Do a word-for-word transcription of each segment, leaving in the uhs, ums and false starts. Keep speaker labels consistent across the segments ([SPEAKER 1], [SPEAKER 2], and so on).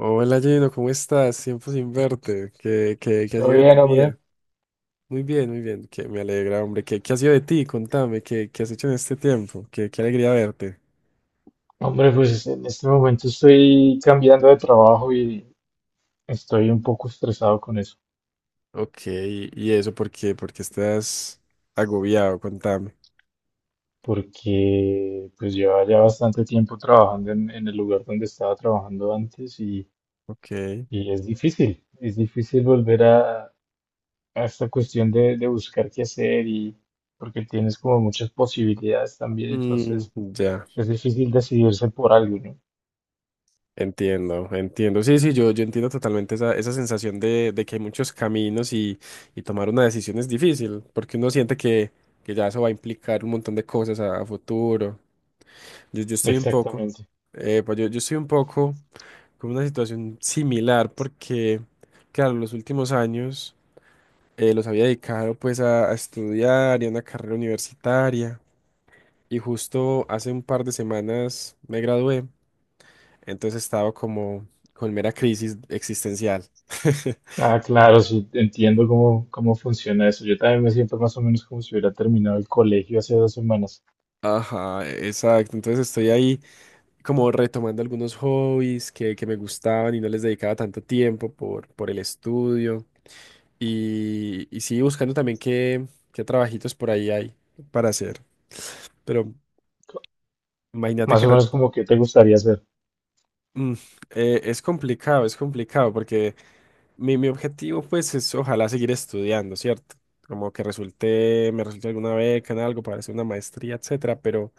[SPEAKER 1] Hola Gino, ¿cómo estás? Tiempo sin verte. ¿Qué, qué, qué ha
[SPEAKER 2] Todo
[SPEAKER 1] sido de tu
[SPEAKER 2] bien,
[SPEAKER 1] vida?
[SPEAKER 2] hombre.
[SPEAKER 1] Muy bien, muy bien. Que me alegra, hombre. ¿Qué, qué ha sido de ti? Contame, ¿qué, qué has hecho en este tiempo? Qué, qué alegría verte.
[SPEAKER 2] Hombre, pues en este momento estoy cambiando de trabajo y estoy un poco estresado con eso,
[SPEAKER 1] Ok, ¿y eso por qué? Porque estás agobiado, contame.
[SPEAKER 2] porque pues lleva ya bastante tiempo trabajando en, en el lugar donde estaba trabajando antes y,
[SPEAKER 1] Ok.
[SPEAKER 2] y es difícil, es difícil volver a, a esta cuestión de, de buscar qué hacer y porque tienes como muchas posibilidades también,
[SPEAKER 1] Mm,
[SPEAKER 2] entonces
[SPEAKER 1] ya,
[SPEAKER 2] es difícil decidirse por algo, ¿no?
[SPEAKER 1] entiendo, entiendo. Sí, sí, yo, yo entiendo totalmente esa, esa sensación de, de que hay muchos caminos y, y tomar una decisión es difícil, porque uno siente que, que ya eso va a implicar un montón de cosas a a futuro. Yo, yo estoy un poco,
[SPEAKER 2] Exactamente.
[SPEAKER 1] eh, pues yo, yo estoy un poco con una situación similar porque, claro, los últimos años eh, los había dedicado pues a, a estudiar y a una carrera universitaria y justo hace un par de semanas me gradué, entonces estaba como con mera crisis existencial.
[SPEAKER 2] Ah,
[SPEAKER 1] Un
[SPEAKER 2] claro, sí, entiendo cómo, cómo funciona eso. Yo también me siento más o menos como si hubiera terminado el colegio hace dos semanas.
[SPEAKER 1] Ajá, exacto. Entonces estoy ahí como retomando algunos hobbies que, que me gustaban y no les dedicaba tanto tiempo por, por el estudio. Y, y sí, buscando también qué, qué trabajitos por ahí hay para hacer. Pero imagínate
[SPEAKER 2] Más
[SPEAKER 1] que
[SPEAKER 2] o
[SPEAKER 1] re-
[SPEAKER 2] menos como que te gustaría ser.
[SPEAKER 1] mm, eh, es complicado, es complicado, porque mi, mi objetivo pues es ojalá seguir estudiando, ¿cierto? Como que resulte, me resulte alguna beca en algo para hacer una maestría, etcétera. Pero,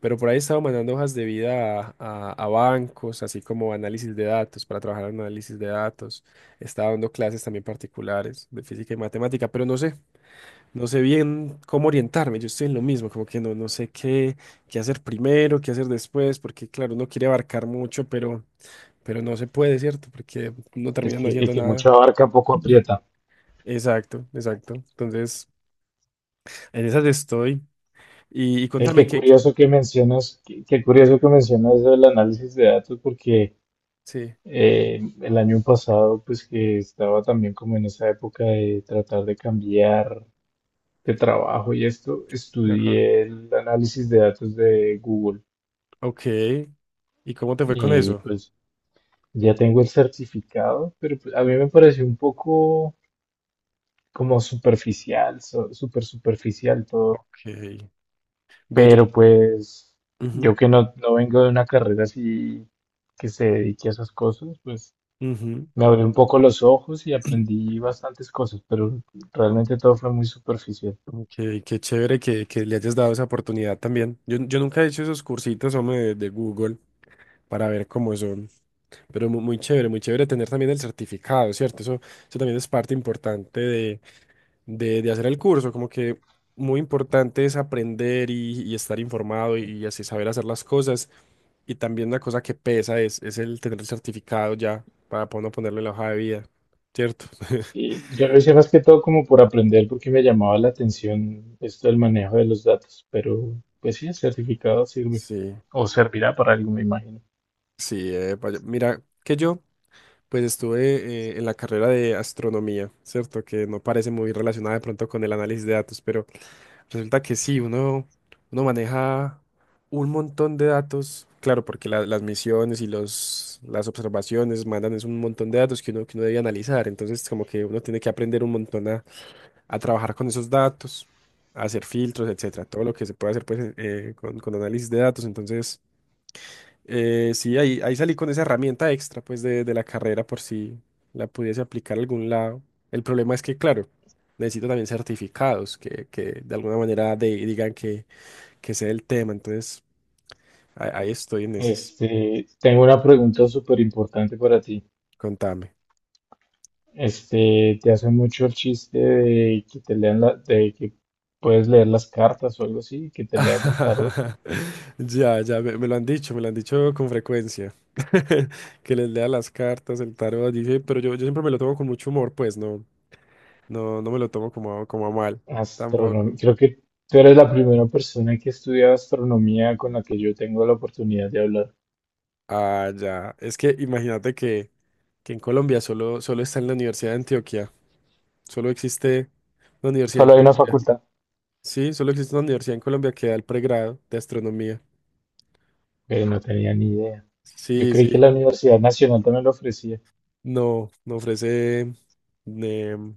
[SPEAKER 1] pero por ahí he estado mandando hojas de vida a, a- a bancos, así como análisis de datos, para trabajar en análisis de datos. Estaba dando clases también particulares de física y matemática, pero no sé. No sé bien cómo orientarme, yo estoy en lo mismo, como que no, no sé qué, qué hacer primero, qué hacer después, porque claro, uno quiere abarcar mucho, pero, pero no se puede, ¿cierto? Porque no
[SPEAKER 2] El
[SPEAKER 1] terminan
[SPEAKER 2] que, el
[SPEAKER 1] haciendo
[SPEAKER 2] que mucho
[SPEAKER 1] nada.
[SPEAKER 2] abarca, poco aprieta.
[SPEAKER 1] Exacto, exacto. Entonces, en esas estoy. Y, y
[SPEAKER 2] El
[SPEAKER 1] contame
[SPEAKER 2] que
[SPEAKER 1] qué, qué-
[SPEAKER 2] curioso que mencionas, qué, qué curioso que mencionas el análisis de datos, porque
[SPEAKER 1] Sí.
[SPEAKER 2] eh, el año pasado, pues que estaba también como en esa época de tratar de cambiar de trabajo y esto,
[SPEAKER 1] Ajá.
[SPEAKER 2] estudié el análisis de datos de Google.
[SPEAKER 1] Ok. ¿Y cómo te fue con
[SPEAKER 2] Y
[SPEAKER 1] eso?
[SPEAKER 2] pues ya tengo el certificado, pero pues a mí me pareció un poco como superficial, so- súper superficial todo.
[SPEAKER 1] Ok. Bello.
[SPEAKER 2] Pero pues
[SPEAKER 1] Ujú,
[SPEAKER 2] yo que no, no vengo de una carrera así que se dedique a esas cosas, pues
[SPEAKER 1] ujú.
[SPEAKER 2] me abrí un poco los ojos y aprendí bastantes cosas, pero realmente todo fue muy superficial.
[SPEAKER 1] Ok, qué chévere que, que le hayas dado esa oportunidad también. Yo, yo nunca he hecho esos cursitos, hombre, de, de Google para ver cómo son. Pero mu- muy, chévere, muy chévere tener también el certificado, ¿cierto? Eso, eso también es parte importante de, de, de hacer el curso, como que muy importante es aprender y, y estar informado y, y así saber hacer las cosas. Y también una cosa que pesa es, es el tener el certificado ya para poder no ponerlo en la hoja de vida, ¿cierto?
[SPEAKER 2] Sí, yo lo hice más que todo como por aprender porque me llamaba la atención esto del manejo de los datos, pero pues sí, el certificado sirve
[SPEAKER 1] Sí,
[SPEAKER 2] o servirá para algo, me imagino.
[SPEAKER 1] sí, eh, vaya- mira que yo pues estuve eh, en la carrera de astronomía, ¿cierto? Que no parece muy relacionada de pronto con el análisis de datos, pero resulta que sí, uno, uno maneja un montón de datos, claro, porque la- las misiones y los, las observaciones mandan es un montón de datos que uno, que uno debe analizar, entonces como que uno tiene que aprender un montón a, a trabajar con esos datos, a hacer filtros, etcétera, todo lo que se puede hacer pues eh, con, con análisis de datos, entonces eh, sí, ahí, ahí salí con esa herramienta extra, pues, de, de la carrera por si la pudiese aplicar a algún lado. El problema es que, claro, necesito también certificados que, que de alguna manera de- digan que, que sé el tema. Entonces, ahí, ahí estoy en ese.
[SPEAKER 2] Este, tengo una pregunta súper importante para ti.
[SPEAKER 1] Contame.
[SPEAKER 2] Este, te hacen mucho el chiste de que te lean la, de que puedes leer las cartas o algo así, que te lean el tarot.
[SPEAKER 1] Ya, ya, me, me lo han dicho, me lo han dicho con frecuencia. Que les lea las cartas, el tarot, dice, pero yo, yo siempre me lo tomo con mucho humor, pues, no, no, no me lo tomo como, como, a mal,
[SPEAKER 2] Astronomía.
[SPEAKER 1] tampoco.
[SPEAKER 2] Creo que tú eres la primera persona que estudia astronomía con la que yo tengo la oportunidad de hablar.
[SPEAKER 1] Ah, ya. Es que imagínate que, que en Colombia solo, solo está en la Universidad de Antioquia. Solo existe una universidad en
[SPEAKER 2] Solo hay una
[SPEAKER 1] Colombia.
[SPEAKER 2] facultad,
[SPEAKER 1] Sí, solo existe una universidad en Colombia que da el pregrado de astronomía.
[SPEAKER 2] pero no tenía ni idea. Yo
[SPEAKER 1] Sí,
[SPEAKER 2] creí que
[SPEAKER 1] sí.
[SPEAKER 2] la Universidad Nacional también lo ofrecía.
[SPEAKER 1] No, no ofrece em,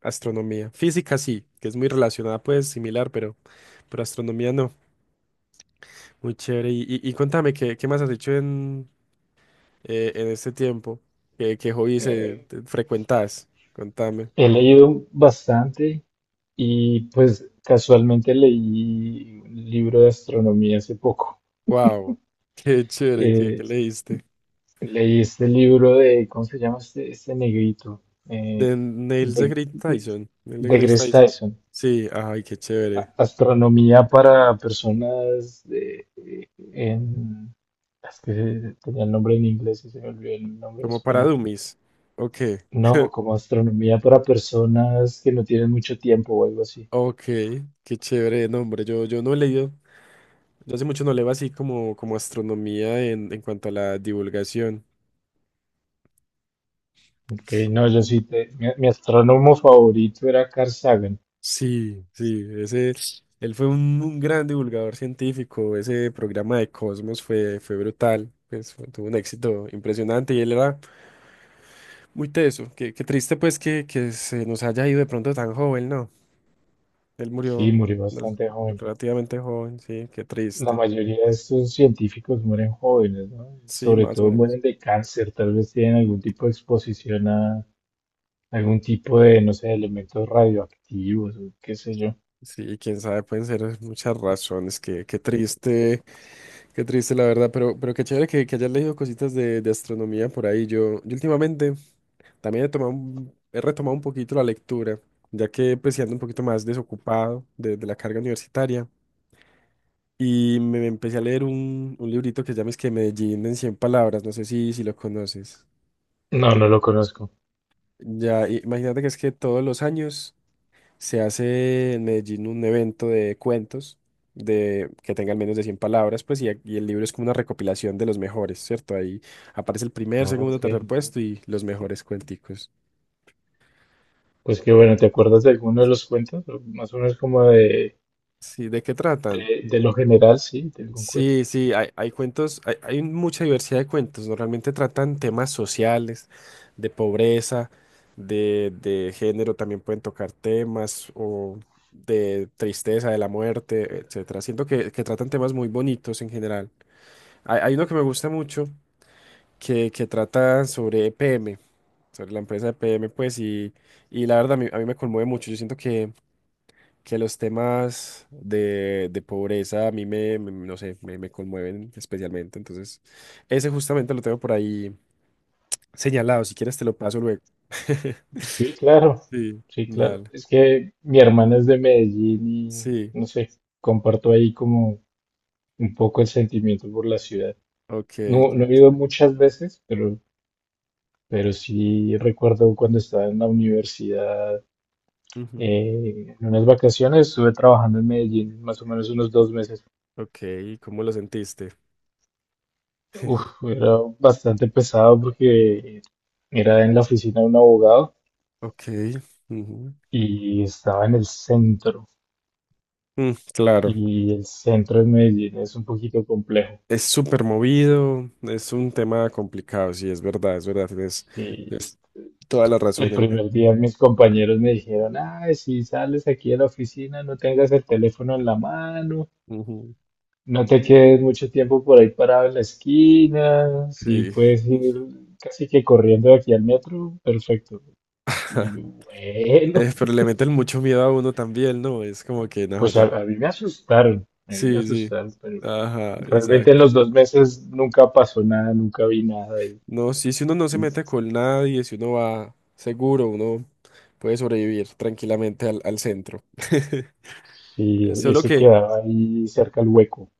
[SPEAKER 1] astronomía. Física sí, que es muy relacionada, pues similar, pero, pero astronomía no. Muy chévere. Y, y, y cuéntame, ¿qué, qué más has hecho en, eh, en este tiempo? ¿Qué, qué hobbies eh,
[SPEAKER 2] Eh,
[SPEAKER 1] te- frecuentas? Contame.
[SPEAKER 2] He leído bastante. Y pues casualmente leí un libro de astronomía hace poco.
[SPEAKER 1] Wow, qué chévere que, que
[SPEAKER 2] Eh,
[SPEAKER 1] leíste.
[SPEAKER 2] leí este libro de, ¿cómo se llama este, este negrito? Eh,
[SPEAKER 1] De Neil
[SPEAKER 2] de,
[SPEAKER 1] deGrasse Tyson. Neil
[SPEAKER 2] de
[SPEAKER 1] deGrasse
[SPEAKER 2] Greg
[SPEAKER 1] Tyson.
[SPEAKER 2] Tyson.
[SPEAKER 1] Sí, ay, qué chévere.
[SPEAKER 2] A- Astronomía para personas de, eh, en... Es que tenía el nombre en inglés y se me olvidó el nombre en
[SPEAKER 1] Como para
[SPEAKER 2] español.
[SPEAKER 1] dummies. Ok,
[SPEAKER 2] No, como astronomía para personas que no tienen mucho tiempo o algo así.
[SPEAKER 1] ok, qué chévere de nombre. Yo, yo no he leído, yo hace mucho no leo así como, como astronomía en, en cuanto a la divulgación.
[SPEAKER 2] Ok, no, yo sí, te- mi, mi astrónomo favorito era Carl Sagan.
[SPEAKER 1] Sí, sí, ese, él fue un, un gran divulgador científico. Ese programa de Cosmos fue, fue brutal. Pues, fue- tuvo un éxito impresionante y él era. Muy teso, qué, qué triste pues que, que se nos haya ido de pronto tan joven, ¿no? Él
[SPEAKER 2] Sí,
[SPEAKER 1] murió
[SPEAKER 2] murió
[SPEAKER 1] no,
[SPEAKER 2] bastante joven.
[SPEAKER 1] relativamente joven, sí, qué
[SPEAKER 2] La
[SPEAKER 1] triste.
[SPEAKER 2] mayoría de estos científicos mueren jóvenes, ¿no?
[SPEAKER 1] Sí,
[SPEAKER 2] Sobre
[SPEAKER 1] más o
[SPEAKER 2] todo
[SPEAKER 1] menos.
[SPEAKER 2] mueren de cáncer, tal vez tienen algún tipo de exposición a algún tipo de, no sé, elementos radioactivos o qué sé yo.
[SPEAKER 1] Sí, quién sabe, pueden ser muchas razones, qué, qué triste, qué triste la verdad, pero, pero qué chévere que, que hayas leído cositas de, de astronomía por ahí. Yo, yo últimamente también he tomado, un- he retomado un poquito la lectura, ya que pues sí ando un poquito más desocupado de, de la carga universitaria. Y me empecé a leer un, un librito que se llama es que Medellín en cien palabras, no sé si, si lo conoces.
[SPEAKER 2] No, no lo conozco.
[SPEAKER 1] Ya, i- imagínate que es que todos los años se hace en Medellín un evento de cuentos de, que tengan menos de cien palabras, pues, y, a- y el libro es como una recopilación de los mejores, ¿cierto? Ahí aparece el primer,
[SPEAKER 2] Ah,
[SPEAKER 1] segundo,
[SPEAKER 2] ok,
[SPEAKER 1] tercer puesto y los mejores cuenticos.
[SPEAKER 2] pues que bueno, ¿te acuerdas de alguno de los cuentos? O más o menos como de,
[SPEAKER 1] Sí, ¿de qué tratan?
[SPEAKER 2] de, de lo general, sí, de algún cuento.
[SPEAKER 1] Sí, sí, hay, hay cuentos, hay, hay mucha diversidad de cuentos. Normalmente tratan temas sociales, de pobreza, de, de género, también pueden tocar temas o de tristeza, de la muerte, etcétera. Siento que, que tratan temas muy bonitos en general. Hay, hay uno que me gusta mucho que, que trata sobre E P M, sobre la empresa E P M, pues, y, y la verdad a mí, a mí me conmueve mucho. Yo siento que los temas de, de pobreza a mí me, me- no sé, me, me conmueven especialmente. Entonces, ese justamente lo tengo por ahí señalado. Si quieres, te lo paso luego.
[SPEAKER 2] Sí, claro,
[SPEAKER 1] Sí,
[SPEAKER 2] sí, claro.
[SPEAKER 1] dale.
[SPEAKER 2] Es que mi hermana es de Medellín
[SPEAKER 1] Sí,
[SPEAKER 2] y, no sé, comparto ahí como un poco el sentimiento por la ciudad.
[SPEAKER 1] ok. qué
[SPEAKER 2] No, no he ido
[SPEAKER 1] chévere.
[SPEAKER 2] muchas veces, pero, pero sí recuerdo cuando estaba en la universidad,
[SPEAKER 1] Ujú,
[SPEAKER 2] eh, en unas vacaciones, estuve trabajando en Medellín más o menos unos dos meses.
[SPEAKER 1] Ok, ¿cómo lo sentiste?
[SPEAKER 2] Uf, era bastante pesado porque era en la oficina de un abogado
[SPEAKER 1] Ok. ujú.
[SPEAKER 2] y estaba en el centro.
[SPEAKER 1] Mm, claro,
[SPEAKER 2] Y el centro de Medellín es un poquito complejo.
[SPEAKER 1] es súper movido, es un tema complicado, sí, es verdad, es verdad, tienes, tienes,
[SPEAKER 2] Y
[SPEAKER 1] toda la
[SPEAKER 2] el
[SPEAKER 1] razón. el-
[SPEAKER 2] primer día mis compañeros me dijeron, ay, si sales aquí de la oficina, no tengas el teléfono en la mano.
[SPEAKER 1] ujú,
[SPEAKER 2] No te quedes mucho tiempo por ahí parado en la esquina. Si
[SPEAKER 1] Sí.
[SPEAKER 2] puedes ir casi que corriendo de aquí al metro, perfecto. Y yo, bueno,
[SPEAKER 1] Eh, pero le meten mucho miedo a uno también, ¿no? Es como que, no,
[SPEAKER 2] pues a,
[SPEAKER 1] ya.
[SPEAKER 2] a mí me asustaron, a mí me
[SPEAKER 1] Sí, sí.
[SPEAKER 2] asustaron, pero
[SPEAKER 1] Ajá,
[SPEAKER 2] realmente en
[SPEAKER 1] exacto.
[SPEAKER 2] los dos meses nunca pasó nada, nunca vi nada. Y,
[SPEAKER 1] No, sí, si uno no se
[SPEAKER 2] y
[SPEAKER 1] mete con nadie, si uno va seguro, uno puede sobrevivir tranquilamente al, al centro.
[SPEAKER 2] sí,
[SPEAKER 1] Solo
[SPEAKER 2] ese
[SPEAKER 1] que,
[SPEAKER 2] quedaba ahí cerca al hueco,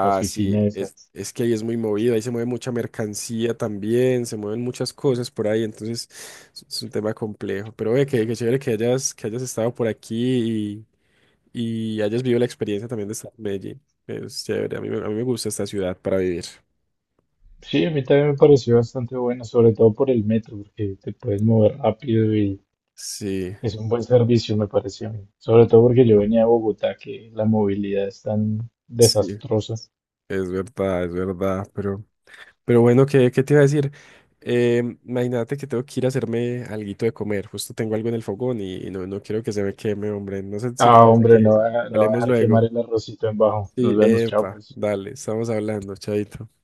[SPEAKER 2] la
[SPEAKER 1] sí,
[SPEAKER 2] oficina esa.
[SPEAKER 1] es, es que ahí es muy movido, ahí se mueve mucha mercancía también, se mueven muchas cosas por ahí, entonces es es un tema complejo. Pero ve que, que chévere que hayas, que hayas estado por aquí y hayas vivido la experiencia también de estar en Medellín. Es chévere, a mí, me- a mí me gusta esta ciudad para vivir.
[SPEAKER 2] Sí, a mí también me pareció bastante bueno, sobre todo por el metro, porque te puedes mover rápido y
[SPEAKER 1] Sí,
[SPEAKER 2] es un buen servicio, me pareció, a mí. Sobre todo porque yo venía de Bogotá, que la movilidad es tan
[SPEAKER 1] sí,
[SPEAKER 2] desastrosa.
[SPEAKER 1] es verdad, es verdad, pero, pero bueno, ¿qué, qué te iba a decir? Em, imagínate que tengo que ir a hacerme alguito de comer, justo tengo algo en el fogón y, y no, no quiero que se me queme, hombre, no sé si te
[SPEAKER 2] Ah,
[SPEAKER 1] parece
[SPEAKER 2] hombre, no
[SPEAKER 1] que
[SPEAKER 2] va, no va a
[SPEAKER 1] hablemos
[SPEAKER 2] dejar quemar
[SPEAKER 1] luego.
[SPEAKER 2] el arrocito en bajo.
[SPEAKER 1] Sí,
[SPEAKER 2] Nos vemos, chao,
[SPEAKER 1] epa,
[SPEAKER 2] pues.
[SPEAKER 1] dale, estamos hablando, chaito.